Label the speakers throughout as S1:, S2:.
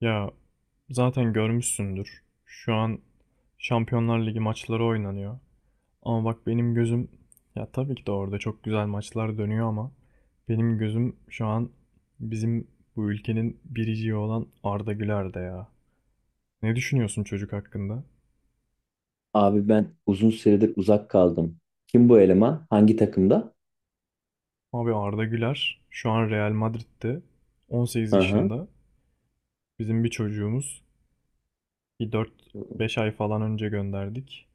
S1: Ya zaten görmüşsündür. Şu an Şampiyonlar Ligi maçları oynanıyor. Ama bak benim gözüm, ya tabii ki de orada çok güzel maçlar dönüyor ama benim gözüm şu an bizim bu ülkenin biriciği olan Arda Güler'de ya. Ne düşünüyorsun çocuk hakkında?
S2: Abi ben uzun süredir uzak kaldım. Kim bu eleman? Hangi takımda?
S1: Abi Arda Güler şu an Real Madrid'de, 18
S2: Hı hı.
S1: yaşında. Bizim bir çocuğumuz, bir 4-5 ay falan önce gönderdik.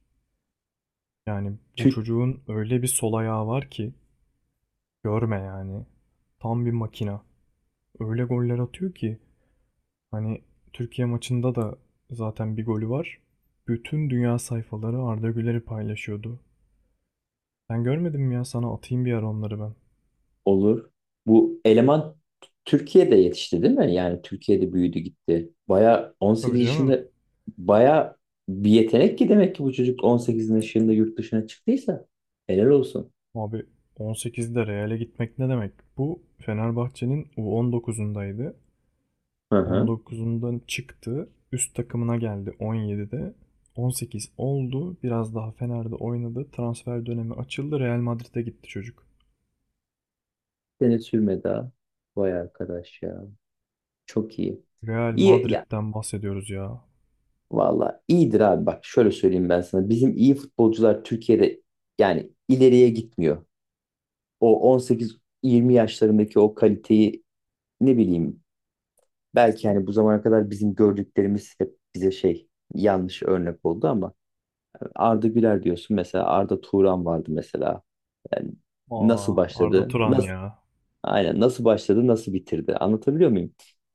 S1: Yani bu
S2: Türk
S1: çocuğun öyle bir sol ayağı var ki görme yani. Tam bir makina. Öyle goller atıyor ki, hani Türkiye maçında da zaten bir golü var. Bütün dünya sayfaları Arda Güler'i paylaşıyordu. Sen görmedin mi ya? Sana atayım bir ara onları ben.
S2: olur. Bu eleman Türkiye'de yetişti değil mi? Yani Türkiye'de büyüdü gitti. Baya
S1: Tabii
S2: 18
S1: canım.
S2: yaşında, baya bir yetenek ki demek ki bu çocuk 18 yaşında yurt dışına çıktıysa helal olsun.
S1: Abi 18'de Real'e gitmek ne demek? Bu Fenerbahçe'nin U19'undaydı.
S2: Hı hı.
S1: 19'undan çıktı. Üst takımına geldi 17'de. 18 oldu. Biraz daha Fener'de oynadı. Transfer dönemi açıldı. Real Madrid'e gitti çocuk.
S2: Sene sürmedi ha. Vay arkadaş ya. Çok iyi.
S1: Real
S2: İyi ya.
S1: Madrid'den bahsediyoruz ya.
S2: Valla iyidir abi, bak şöyle söyleyeyim ben sana. Bizim iyi futbolcular Türkiye'de yani ileriye gitmiyor. O 18-20 yaşlarındaki o kaliteyi, ne bileyim, belki hani bu zamana kadar bizim gördüklerimiz hep bize şey, yanlış örnek oldu ama Arda Güler diyorsun, mesela Arda Turan vardı mesela. Yani
S1: Aa,
S2: nasıl
S1: Arda
S2: başladı?
S1: Turan ya.
S2: Aynen, nasıl başladı, nasıl bitirdi. Anlatabiliyor muyum?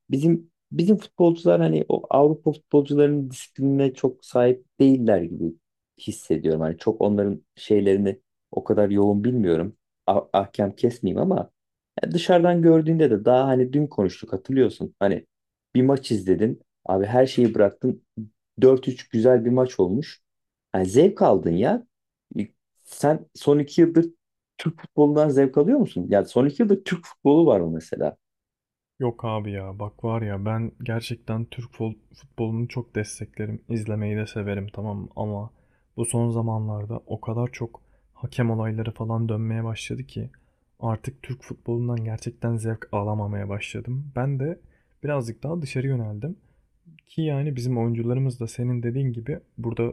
S2: Bizim futbolcular, hani o Avrupa futbolcularının disiplinine çok sahip değiller gibi hissediyorum. Hani çok onların şeylerini o kadar yoğun bilmiyorum. Ahkam kesmeyeyim ama ya, dışarıdan gördüğünde de daha, hani dün konuştuk hatırlıyorsun. Hani bir maç izledin. Abi her şeyi bıraktın. 4-3 güzel bir maç olmuş. Yani zevk aldın ya. E, Sen son iki yıldır Türk futbolundan zevk alıyor musun? Yani son iki yıldır Türk futbolu var mı mesela?
S1: Yok abi ya, bak var ya, ben gerçekten Türk futbolunu çok desteklerim. İzlemeyi de severim, tamam mı? Ama bu son zamanlarda o kadar çok hakem olayları falan dönmeye başladı ki artık Türk futbolundan gerçekten zevk alamamaya başladım. Ben de birazcık daha dışarı yöneldim, ki yani bizim oyuncularımız da senin dediğin gibi burada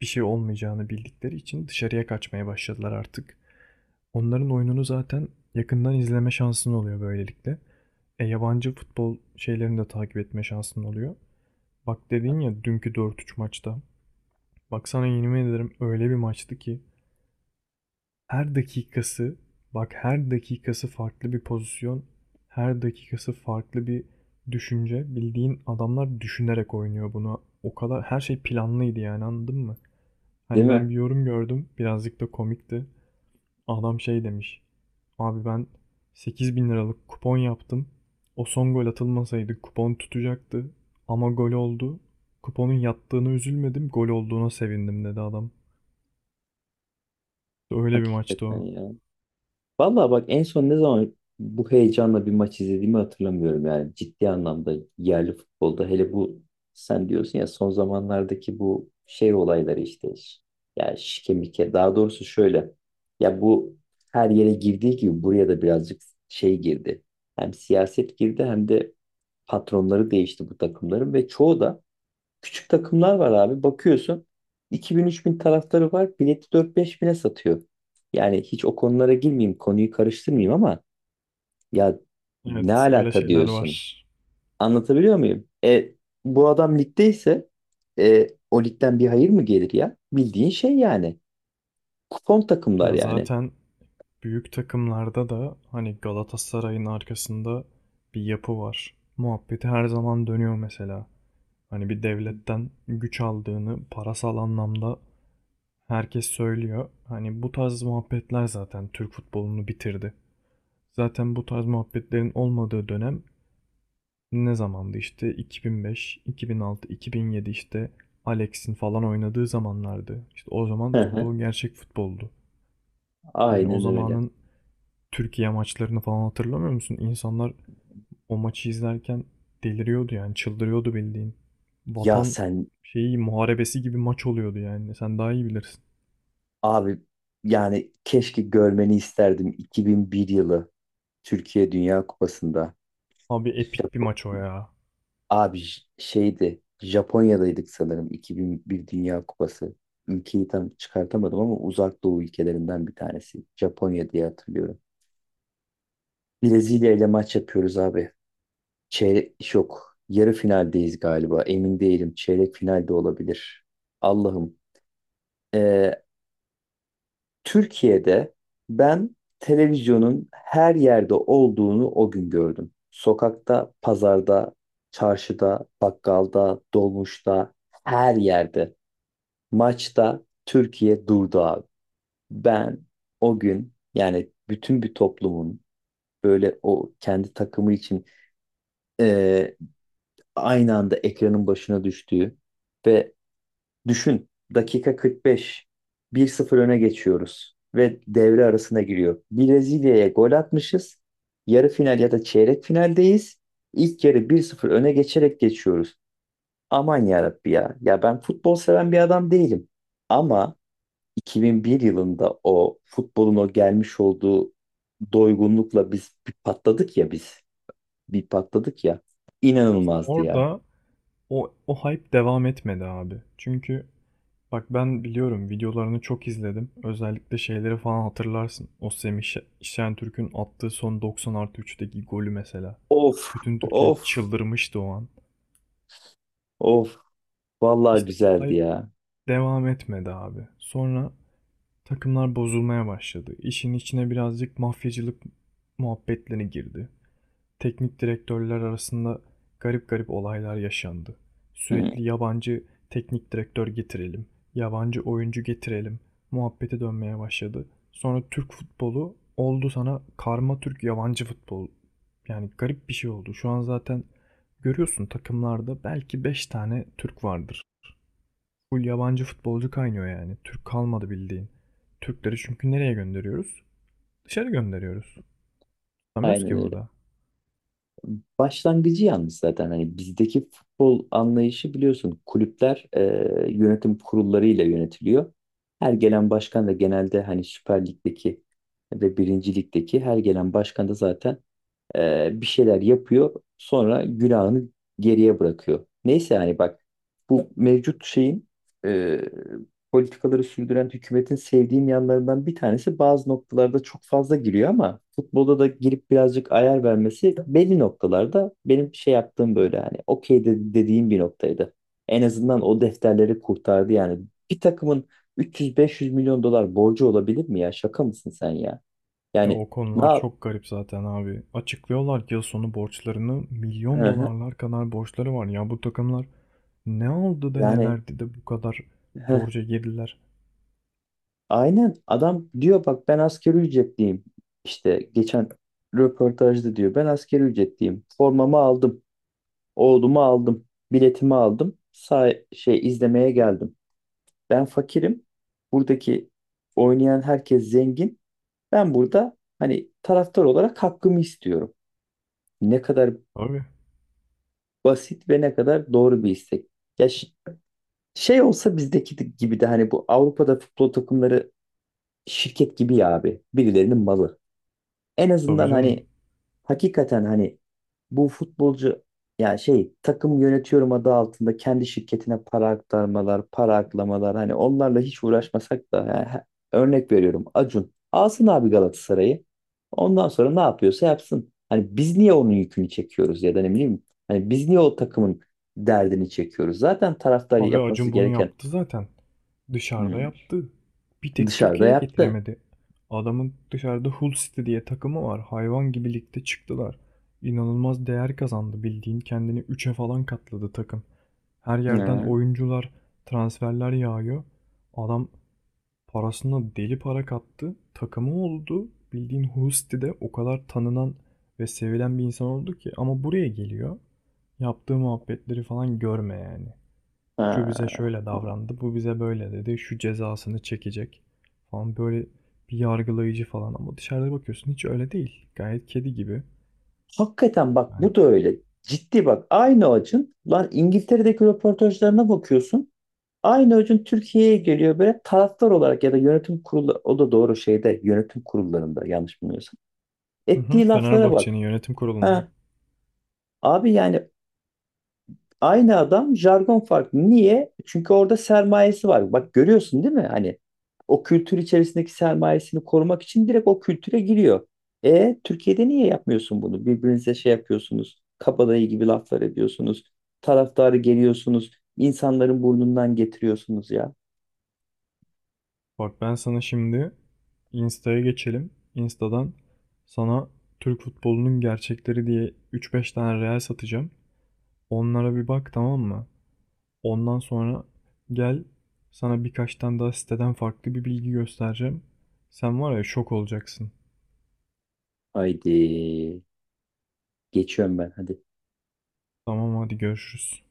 S1: bir şey olmayacağını bildikleri için dışarıya kaçmaya başladılar artık. Onların oyununu zaten yakından izleme şansın oluyor böylelikle. E, yabancı futbol şeylerini de takip etme şansın oluyor. Bak dedin ya, dünkü 4-3 maçta. Bak sana yemin ederim öyle bir maçtı ki, her dakikası, bak her dakikası farklı bir pozisyon. Her dakikası farklı bir düşünce. Bildiğin adamlar düşünerek oynuyor bunu. O kadar her şey planlıydı yani, anladın mı?
S2: Değil
S1: Hani ben
S2: mi?
S1: bir yorum gördüm. Birazcık da komikti. Adam şey demiş. Abi ben 8 bin liralık kupon yaptım. O son gol atılmasaydı kupon tutacaktı. Ama gol oldu. Kuponun yattığını üzülmedim, gol olduğuna sevindim, dedi adam. İşte öyle bir maçtı
S2: Hakikaten
S1: o.
S2: ya. Vallahi bak, en son ne zaman bu heyecanla bir maç izlediğimi hatırlamıyorum, yani ciddi anlamda yerli futbolda hele bu, sen diyorsun ya, son zamanlardaki bu şey olayları işte, ya şike mike, daha doğrusu şöyle, ya bu her yere girdiği gibi buraya da birazcık şey girdi, hem siyaset girdi hem de patronları değişti bu takımların ve çoğu da küçük takımlar var abi. Bakıyorsun 2000-3000 taraftarı var. Bileti 4-5 bine satıyor. Yani hiç o konulara girmeyeyim, konuyu karıştırmayayım ama ya, ne
S1: Evet, öyle
S2: alaka
S1: şeyler
S2: diyorsun?
S1: var.
S2: Anlatabiliyor muyum? Bu adam ligdeyse, o ligden bir hayır mı gelir ya? Bildiğin şey yani. Kupon takımlar
S1: Ya
S2: yani.
S1: zaten büyük takımlarda da, hani Galatasaray'ın arkasında bir yapı var, muhabbeti her zaman dönüyor mesela. Hani bir devletten güç aldığını parasal anlamda herkes söylüyor. Hani bu tarz muhabbetler zaten Türk futbolunu bitirdi. Zaten bu tarz muhabbetlerin olmadığı dönem ne zamandı? İşte 2005, 2006, 2007, işte Alex'in falan oynadığı zamanlardı. İşte o zaman
S2: Hı hı.
S1: futbol gerçek futboldu. Yani o
S2: Aynen öyle.
S1: zamanın Türkiye maçlarını falan hatırlamıyor musun? İnsanlar o maçı izlerken deliriyordu, yani çıldırıyordu bildiğin.
S2: Ya
S1: Vatan
S2: sen
S1: şeyi muharebesi gibi maç oluyordu yani. Sen daha iyi bilirsin.
S2: abi, yani keşke görmeni isterdim 2001 yılı Türkiye Dünya Kupası'nda.
S1: Abi epik bir maç o ya.
S2: Abi şeydi, Japonya'daydık sanırım, 2001 Dünya Kupası. Ülkeyi tam çıkartamadım ama Uzak Doğu ülkelerinden bir tanesi. Japonya diye hatırlıyorum. Brezilya ile maç yapıyoruz abi. Çeyrek yok. Yarı finaldeyiz galiba. Emin değilim. Çeyrek finalde olabilir. Allah'ım. Ee, Türkiye'de ben televizyonun her yerde olduğunu o gün gördüm. Sokakta, pazarda, çarşıda, bakkalda, dolmuşta, her yerde. Maçta Türkiye durdu abi. Ben o gün, yani bütün bir toplumun böyle o kendi takımı için e, aynı anda ekranın başına düştüğü ve, düşün, dakika 45 bir 0 öne geçiyoruz ve devre arasına giriyor. Brezilya'ya gol atmışız. Yarı final ya da çeyrek finaldeyiz. İlk yarı bir 0 öne geçerek geçiyoruz. Aman yarabbi ya. Ya ben futbol seven bir adam değilim. Ama 2001 yılında o futbolun o gelmiş olduğu doygunlukla biz bir patladık ya biz. Bir patladık ya.
S1: İşte
S2: İnanılmazdı ya.
S1: orada O hype devam etmedi abi. Çünkü bak ben biliyorum, videolarını çok izledim. Özellikle şeyleri falan hatırlarsın. O Semih Şentürk'ün attığı son 90 artı 3'teki golü mesela.
S2: Of
S1: Bütün Türkiye
S2: of
S1: çıldırmıştı o an.
S2: of. Vallahi
S1: İşte o
S2: güzeldi
S1: hype
S2: ya.
S1: devam etmedi abi. Sonra takımlar bozulmaya başladı. İşin içine birazcık mafyacılık muhabbetleri girdi. Teknik direktörler arasında garip garip olaylar yaşandı.
S2: Hı,
S1: Sürekli yabancı teknik direktör getirelim, yabancı oyuncu getirelim muhabbeti dönmeye başladı. Sonra Türk futbolu oldu sana karma Türk yabancı futbol. Yani garip bir şey oldu. Şu an zaten görüyorsun, takımlarda belki 5 tane Türk vardır. Full yabancı futbolcu kaynıyor yani. Türk kalmadı bildiğin. Türkleri çünkü nereye gönderiyoruz? Dışarı gönderiyoruz. Tutamıyoruz
S2: aynen
S1: ki
S2: öyle.
S1: burada.
S2: Başlangıcı yalnız, zaten hani bizdeki futbol anlayışı biliyorsun, kulüpler yönetim kurullarıyla yönetiliyor. Her gelen başkan da genelde, hani Süper Lig'deki ve Birinci Lig'deki her gelen başkan da zaten bir şeyler yapıyor. Sonra günahını geriye bırakıyor. Neyse, yani bak, bu mevcut şeyin e, politikaları sürdüren hükümetin sevdiğim yanlarından bir tanesi, bazı noktalarda çok fazla giriyor ama futbolda da girip birazcık ayar vermesi belli noktalarda benim şey yaptığım, böyle hani okey de, dediğim bir noktaydı. En azından o defterleri kurtardı yani. Bir takımın 300-500 milyon dolar borcu olabilir mi ya? Şaka mısın sen ya?
S1: Ya
S2: Yani,
S1: o
S2: ne
S1: konular
S2: yap?
S1: çok garip zaten abi. Açıklıyorlar ki yıl sonu borçlarını,
S2: Hı
S1: milyon
S2: hı.
S1: dolarlar kadar borçları var. Ya bu takımlar ne aldı da ne
S2: Yani
S1: verdi de bu kadar
S2: Heh,
S1: borca girdiler?
S2: aynen, adam diyor bak, ben asgari ücretliyim. İşte geçen röportajda diyor, ben asgari ücretliyim. Formamı aldım, oğlumu aldım, biletimi aldım. Say şey izlemeye geldim. Ben fakirim. Buradaki oynayan herkes zengin. Ben burada hani taraftar olarak hakkımı istiyorum. Ne kadar
S1: Abi.
S2: basit ve ne kadar doğru bir istek. Ya şey olsa bizdeki gibi de, hani bu Avrupa'da futbol takımları şirket gibi ya abi. Birilerinin malı. En
S1: Tabii
S2: azından
S1: canım.
S2: hani, hakikaten hani bu futbolcu ya şey, takım yönetiyorum adı altında kendi şirketine para aktarmalar, para aklamalar, hani onlarla hiç uğraşmasak da ya, örnek veriyorum, Acun alsın abi Galatasaray'ı. Ondan sonra ne yapıyorsa yapsın. Hani biz niye onun yükünü çekiyoruz ya da ne bileyim, hani biz niye o takımın derdini çekiyoruz? Zaten taraftar
S1: Abi
S2: yapması
S1: Acun bunu
S2: gereken
S1: yaptı zaten. Dışarıda
S2: hmm,
S1: yaptı. Bir tek
S2: dışarıda
S1: Türkiye'ye
S2: yaptı.
S1: getiremedi. Adamın dışarıda Hull City diye takımı var. Hayvan gibi ligde çıktılar. İnanılmaz değer kazandı bildiğin. Kendini üçe falan katladı takım. Her yerden
S2: Hı.
S1: oyuncular, transferler yağıyor. Adam parasına deli para kattı. Takımı oldu. Bildiğin Hull City'de o kadar tanınan ve sevilen bir insan oldu ki. Ama buraya geliyor. Yaptığı muhabbetleri falan görme yani. Şu bize
S2: Ha.
S1: şöyle davrandı, bu bize böyle dedi, şu cezasını çekecek falan, böyle bir yargılayıcı falan, ama dışarıda bakıyorsun hiç öyle değil. Gayet kedi gibi.
S2: Hakikaten bak,
S1: Yani.
S2: bu da öyle. Ciddi bak, aynı acın lan İngiltere'deki röportajlarına bakıyorsun. Aynı acın Türkiye'ye geliyor böyle, taraftar olarak, ya da yönetim kurulu, o da doğru şeyde, yönetim kurullarında yanlış bilmiyorsam.
S1: Hı hı,
S2: Ettiği laflara
S1: Fenerbahçe'nin
S2: bak.
S1: yönetim kurulunda.
S2: Ha, abi yani, aynı adam, jargon farklı. Niye? Çünkü orada sermayesi var. Bak görüyorsun değil mi? Hani o kültür içerisindeki sermayesini korumak için direkt o kültüre giriyor. Türkiye'de niye yapmıyorsun bunu? Birbirinize şey yapıyorsunuz. Kabadayı gibi laflar ediyorsunuz. Taraftarı geliyorsunuz. İnsanların burnundan getiriyorsunuz ya.
S1: Bak ben sana şimdi Insta'ya geçelim. Insta'dan sana Türk futbolunun gerçekleri diye 3-5 tane reel satacağım. Onlara bir bak, tamam mı? Ondan sonra gel, sana birkaç tane daha siteden farklı bir bilgi göstereceğim. Sen var ya, şok olacaksın.
S2: Haydi. Geçiyorum ben. Hadi.
S1: Tamam, hadi görüşürüz.